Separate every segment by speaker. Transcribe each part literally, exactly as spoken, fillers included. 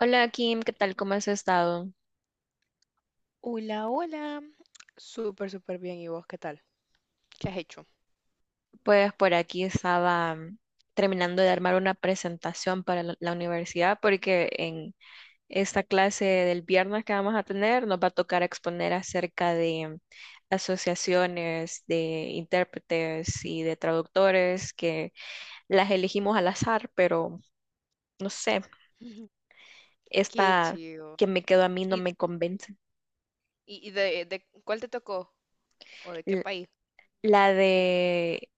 Speaker 1: Hola Kim, ¿qué tal? ¿Cómo has estado?
Speaker 2: Hola, hola. Súper, súper bien. ¿Y vos qué tal? ¿Qué has hecho?
Speaker 1: Pues por aquí estaba mm, terminando de armar una presentación para la, la universidad porque en esta clase del viernes que vamos a tener nos va a tocar exponer acerca de mm, asociaciones de intérpretes y de traductores que las elegimos al azar, pero no sé,
Speaker 2: Ujú. Qué
Speaker 1: esta
Speaker 2: chido.
Speaker 1: que me quedó a mí no
Speaker 2: ¿Y,
Speaker 1: me convence.
Speaker 2: y y de, de cuál te tocó? ¿O de qué
Speaker 1: L-
Speaker 2: país?
Speaker 1: La de,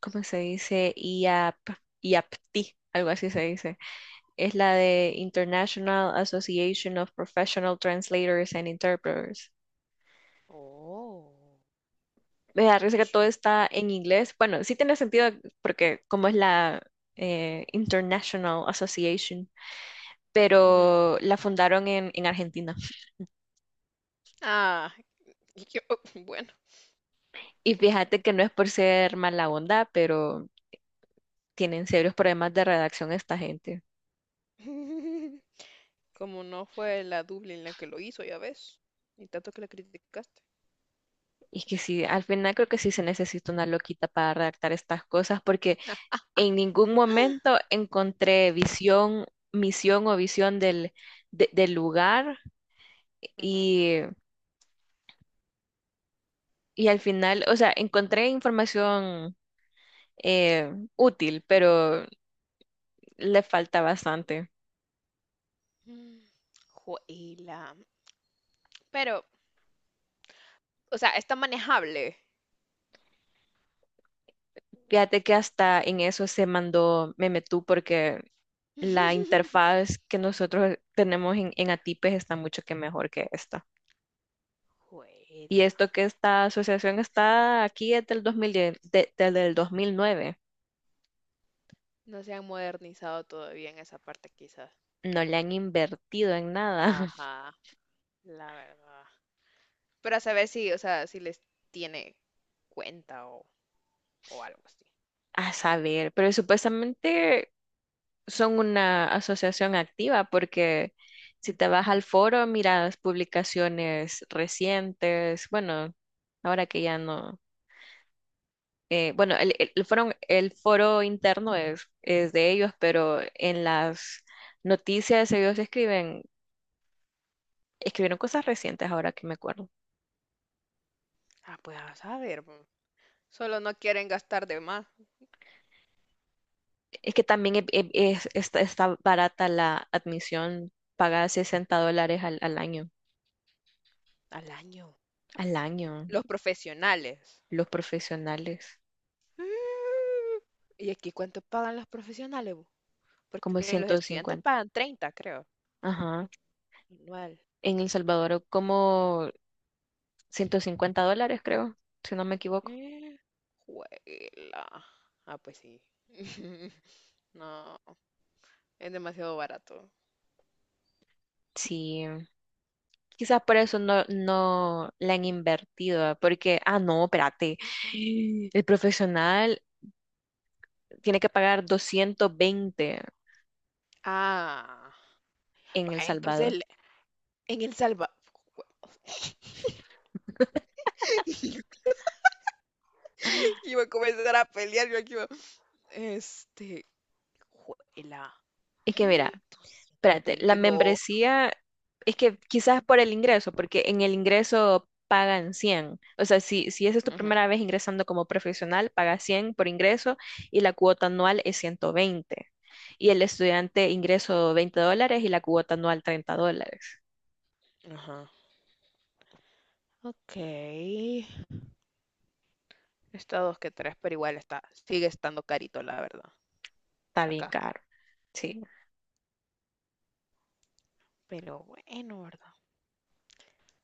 Speaker 1: ¿cómo se dice? I A P, iapti, algo así se dice es la de International Association of Professional Translators and Interpreters.
Speaker 2: Oh,
Speaker 1: Me da risa que todo
Speaker 2: chido.
Speaker 1: está en inglés. Bueno, sí tiene sentido porque como es la eh, International Association,
Speaker 2: Ujú.
Speaker 1: pero la fundaron en, en Argentina.
Speaker 2: Ah, y yo, bueno,
Speaker 1: Y fíjate que no es por ser mala onda, pero tienen serios problemas de redacción esta gente.
Speaker 2: como no fue la Dublín la que lo hizo, ya ves, y tanto que la criticaste.
Speaker 1: Y que sí, al final creo que sí se necesita una loquita para redactar estas cosas, porque en ningún momento encontré visión, misión o visión del, de- del lugar
Speaker 2: Ujú.
Speaker 1: y, y al final, o sea, encontré información eh, útil, pero le falta bastante.
Speaker 2: Mm, Juela. Pero, o sea, está manejable.
Speaker 1: Fíjate que hasta en eso se mandó Memetú porque la interfaz que nosotros tenemos en, en Atipes está mucho que mejor que esta. Y
Speaker 2: Juela.
Speaker 1: esto que esta asociación está aquí es del dos mil diez, de- desde el dos mil nueve.
Speaker 2: No se han modernizado todavía en esa parte, quizás.
Speaker 1: No le han invertido en nada,
Speaker 2: Ajá, la verdad. Para saber si, o sea, si les tiene cuenta o, o algo así.
Speaker 1: a saber, pero supuestamente son una asociación activa porque si te vas al foro, miras publicaciones recientes, bueno, ahora que ya no, eh, bueno, el, el- el foro, el foro interno es, es de ellos, pero en las noticias ellos escriben... Escribieron cosas recientes ahora que me acuerdo.
Speaker 2: Ah, pues a saber, po. Solo no quieren gastar de más
Speaker 1: Es que también e- e- es- está, está barata la admisión, paga sesenta dólares al al año.
Speaker 2: al año.
Speaker 1: Al año,
Speaker 2: Los profesionales.
Speaker 1: los profesionales,
Speaker 2: Mm, ¿Y aquí cuánto pagan los profesionales, bu?
Speaker 1: como
Speaker 2: Porque los
Speaker 1: ciento
Speaker 2: estudiantes
Speaker 1: cincuenta.
Speaker 2: pagan treinta creo,
Speaker 1: Ajá.
Speaker 2: anual.
Speaker 1: En El Salvador, como ciento cincuenta dólares, creo, si no me equivoco.
Speaker 2: Eh, juela. Ah, pues sí. No, es demasiado barato.
Speaker 1: Sí. Quizás por eso no, no la han invertido, ¿ah? Porque, ah, no, espérate. El profesional tiene que pagar doscientos veinte
Speaker 2: Ah,
Speaker 1: en
Speaker 2: va,
Speaker 1: El
Speaker 2: entonces
Speaker 1: Salvador.
Speaker 2: el- en El Salvador. Iba a comenzar a pelear, yo aquí iba, este, juela,
Speaker 1: Es que mira,
Speaker 2: ¿y doscientos
Speaker 1: espérate, la
Speaker 2: veinte no?
Speaker 1: membresía es que quizás por el ingreso, porque en el ingreso pagan cien. O sea, si, si esa es tu
Speaker 2: Ujú.
Speaker 1: primera vez ingresando como profesional, pagas cien por ingreso y la cuota anual es ciento veinte. Y el estudiante ingreso veinte dólares y la cuota anual treinta dólares.
Speaker 2: Ajá. Ok. Está dos que tres, pero igual está, sigue estando carito, la verdad,
Speaker 1: Está bien
Speaker 2: acá.
Speaker 1: caro. Sí,
Speaker 2: Pero bueno, ¿verdad?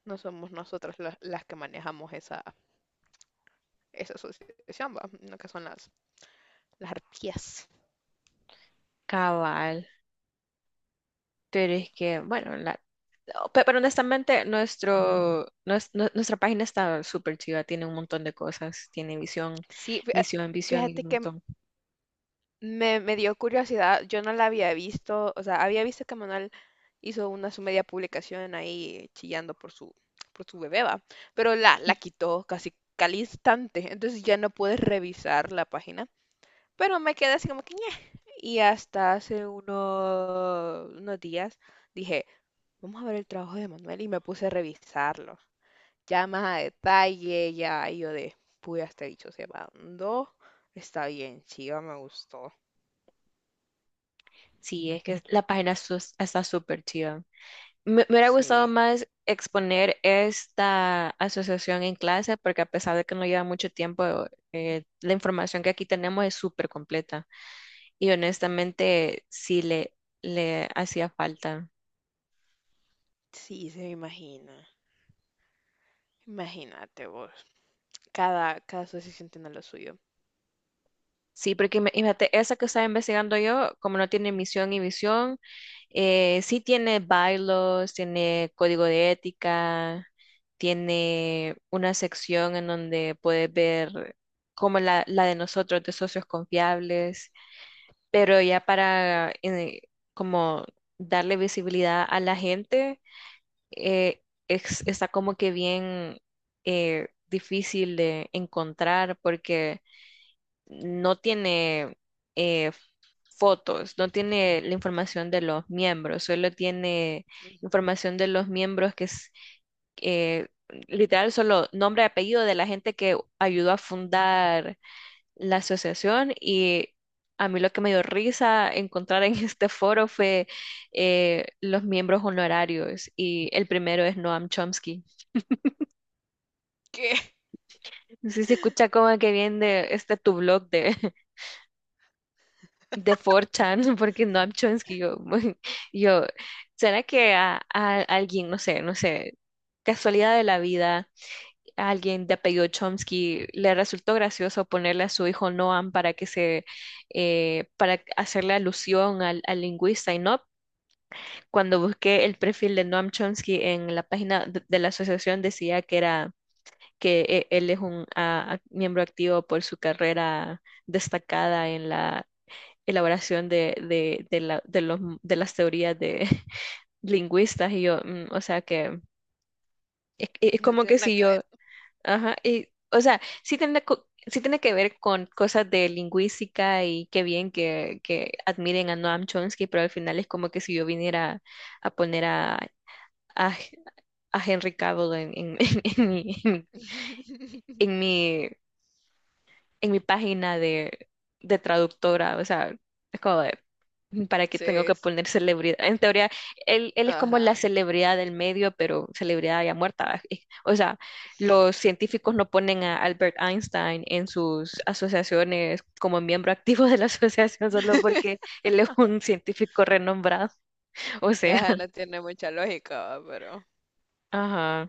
Speaker 2: No somos nosotras las las que manejamos esa, esa asociación, ¿va? No, que son las, las arpías.
Speaker 1: cabal. Pero es que, bueno, la, no, pe- pero honestamente, nuestro, nues- nue- nuestra página está súper chida, tiene un montón de cosas, tiene visión,
Speaker 2: Sí,
Speaker 1: misión, visión y
Speaker 2: fíjate
Speaker 1: un
Speaker 2: que
Speaker 1: montón.
Speaker 2: Me, me dio curiosidad, yo no la había visto, o sea, había visto que Manuel hizo una su media publicación ahí chillando por su, por su bebé, va, pero la, la quitó casi al instante, entonces ya no puedes revisar la página, pero me quedé así como que ñe. Y hasta hace unos, unos días dije, vamos a ver el trabajo de Manuel y me puse a revisarlo, ya más a detalle, ya y yo de, pude hasta dicho, se mandó, está bien, chiva, me gustó,
Speaker 1: Sí, es que la página sus- está súper chida. Me, me hubiera gustado
Speaker 2: sí.
Speaker 1: más exponer esta asociación en clase porque a pesar de que no lleva mucho tiempo, eh, la información que aquí tenemos es súper completa y honestamente sí le, le hacía falta.
Speaker 2: Sí, se me imagina. Imagínate vos. Cada, cada asociación tiene lo suyo.
Speaker 1: Sí, porque ima- imagínate, esa que estaba investigando yo, como no tiene misión y visión, eh, sí tiene bylaws, tiene código de ética, tiene una sección en donde puedes ver como la, la de nosotros, de socios confiables, pero ya para eh, como darle visibilidad a la gente, eh, es- está como que bien eh, difícil de encontrar porque no tiene eh, fotos, no tiene la información de los miembros, solo tiene
Speaker 2: Ujú.
Speaker 1: información de los miembros que es eh, literal solo nombre y apellido de la gente que ayudó a fundar la asociación y a mí lo que me dio risa encontrar en este foro fue eh, los miembros honorarios y el primero es Noam Chomsky.
Speaker 2: ¿Qué?
Speaker 1: Sí se escucha como que viene de este tu blog de de four chan, porque Noam Chomsky, yo, yo, ¿será que a, a alguien, no sé, no sé, casualidad de la vida, a alguien de apellido Chomsky le resultó gracioso ponerle a su hijo Noam para que se, eh, para hacerle alusión al, al lingüista? Y no, cuando busqué el perfil de Noam Chomsky en la página de, de la asociación decía que era... que eh, él es un ah, ac- miembro activo por su carrera destacada en la elaboración de, de, de, la- de los, de las teorías de lingüistas y yo, mm, o sea que es, es
Speaker 2: No
Speaker 1: como
Speaker 2: tiene
Speaker 1: que
Speaker 2: nada
Speaker 1: si
Speaker 2: que ver.
Speaker 1: yo, ajá, y, o sea, sí tiene, co- sí tiene que ver con cosas de lingüística y qué bien que, que admiren a Noam Chomsky, pero al final es como que si yo viniera a poner a, a, a Henry Cavill en, en, en mi, en mi, en mi en mi página de, de traductora, o sea, es como de, ¿para qué
Speaker 2: Sí,
Speaker 1: tengo que
Speaker 2: es-
Speaker 1: poner celebridad? En teoría, él, él es como la
Speaker 2: ajá.
Speaker 1: celebridad del medio, pero celebridad ya muerta. Y, o sea, los científicos no ponen a Albert Einstein en sus asociaciones como miembro activo de la asociación solo porque él es un científico renombrado. O sea,
Speaker 2: Ajá, no tiene mucha lógica, va, pero.
Speaker 1: ajá.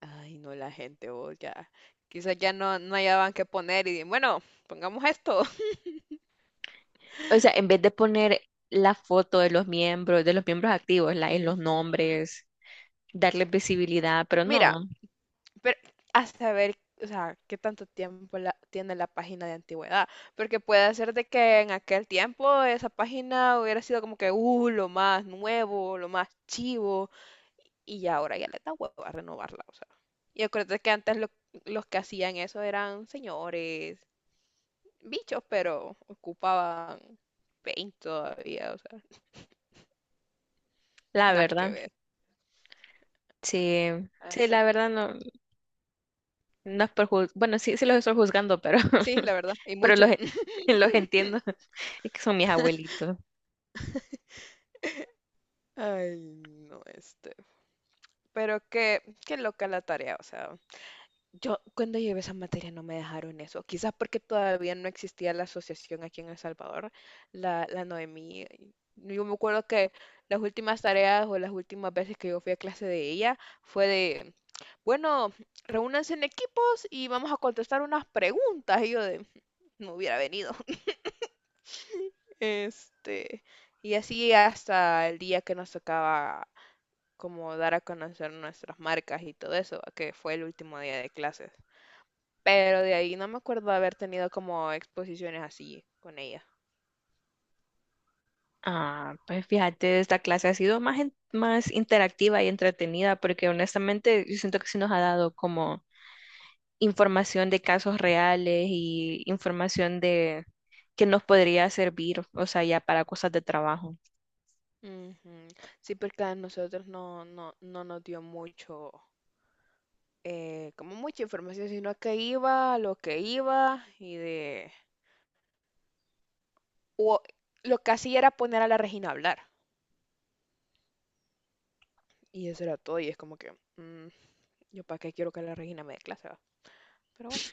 Speaker 2: Ay, no, la gente, vos ya. Quizás ya no, no hallaban qué poner y di- bueno, pongamos esto.
Speaker 1: O sea, en vez de poner la foto de los miembros, de los miembros activos, la, en los
Speaker 2: Ujú.
Speaker 1: nombres, darle visibilidad, pero
Speaker 2: Mira.
Speaker 1: no.
Speaker 2: Pero a saber, o sea, qué tanto tiempo la- tiene la página de antigüedad. Porque puede ser de que en aquel tiempo esa página hubiera sido como que, uh, lo más nuevo, lo más chivo. Y ya ahora ya le da huevo a renovarla, o sea. Y acuérdate que antes lo- los que hacían eso eran señores, bichos, pero ocupaban paint todavía, o sea,
Speaker 1: La
Speaker 2: nada que
Speaker 1: verdad,
Speaker 2: ver.
Speaker 1: sí, sí,
Speaker 2: Así
Speaker 1: la
Speaker 2: que,
Speaker 1: verdad no, no es por juz- bueno, sí, sí los estoy juzgando, pero,
Speaker 2: sí, la verdad, y
Speaker 1: pero los,
Speaker 2: mucho.
Speaker 1: en- los entiendo, es que son mis abuelitos.
Speaker 2: Ay, no, este. Pero qué, qué loca la tarea, o sea. Yo cuando llevé esa materia no me dejaron eso, quizás porque todavía no existía la asociación aquí en El Salvador, la, la Noemí. Yo me acuerdo que las últimas tareas o las últimas veces que yo fui a clase de ella fue de, bueno, reúnanse en equipos y vamos a contestar unas preguntas. Y yo de, no hubiera venido. Este, y así hasta el día que nos tocaba como dar a conocer nuestras marcas y todo eso, que fue el último día de clases. Pero de ahí no me acuerdo de haber tenido como exposiciones así con ella.
Speaker 1: Ah, pues fíjate, esta clase ha sido más, en- más interactiva y entretenida, porque honestamente yo siento que sí nos ha dado como información de casos reales y información de que nos podría servir, o sea, ya para cosas de trabajo.
Speaker 2: Ujú. Sí, porque a nosotros no, no, no nos dio mucho, eh, como mucha información, sino que iba lo que iba y de... O, lo que hacía era poner a la Regina a hablar. Y eso era todo. Y es como que, mm, yo para qué quiero que la Regina me dé clase, ¿va? Pero bueno,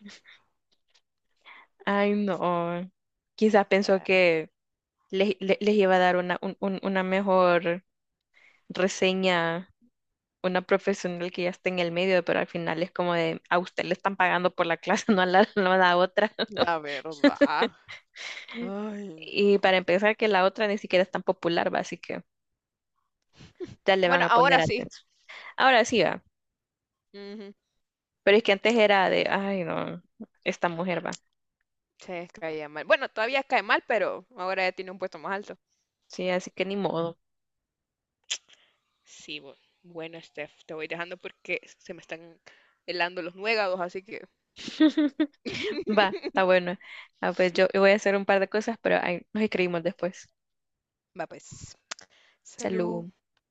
Speaker 1: Ay, no. Quizás
Speaker 2: o
Speaker 1: pensó
Speaker 2: sea,
Speaker 1: que les, le- les iba a dar una, un- un- una mejor reseña, una profesional que ya está en el medio, pero al final es como de, a usted le están pagando por la clase, no a la, no a la otra.
Speaker 2: la verdad. Ay,
Speaker 1: Y
Speaker 2: no.
Speaker 1: para empezar, que la otra ni siquiera es tan popular, va, así que ya le van
Speaker 2: Bueno,
Speaker 1: a poner
Speaker 2: ahora sí.
Speaker 1: atención. Ahora sí va,
Speaker 2: Ujú.
Speaker 1: pero es que antes era de, ay, no, esta mujer va.
Speaker 2: Se caía mal. Bueno, todavía cae mal, pero ahora ya tiene un puesto más alto.
Speaker 1: Sí, así que ni modo.
Speaker 2: Sí, bu- bueno, Steph, te voy dejando porque se me están helando los nuegados, así que
Speaker 1: Va, está bueno. Ah, pues yo voy a hacer un par de cosas, pero ahí nos escribimos después.
Speaker 2: va pues. Salud.
Speaker 1: Salud.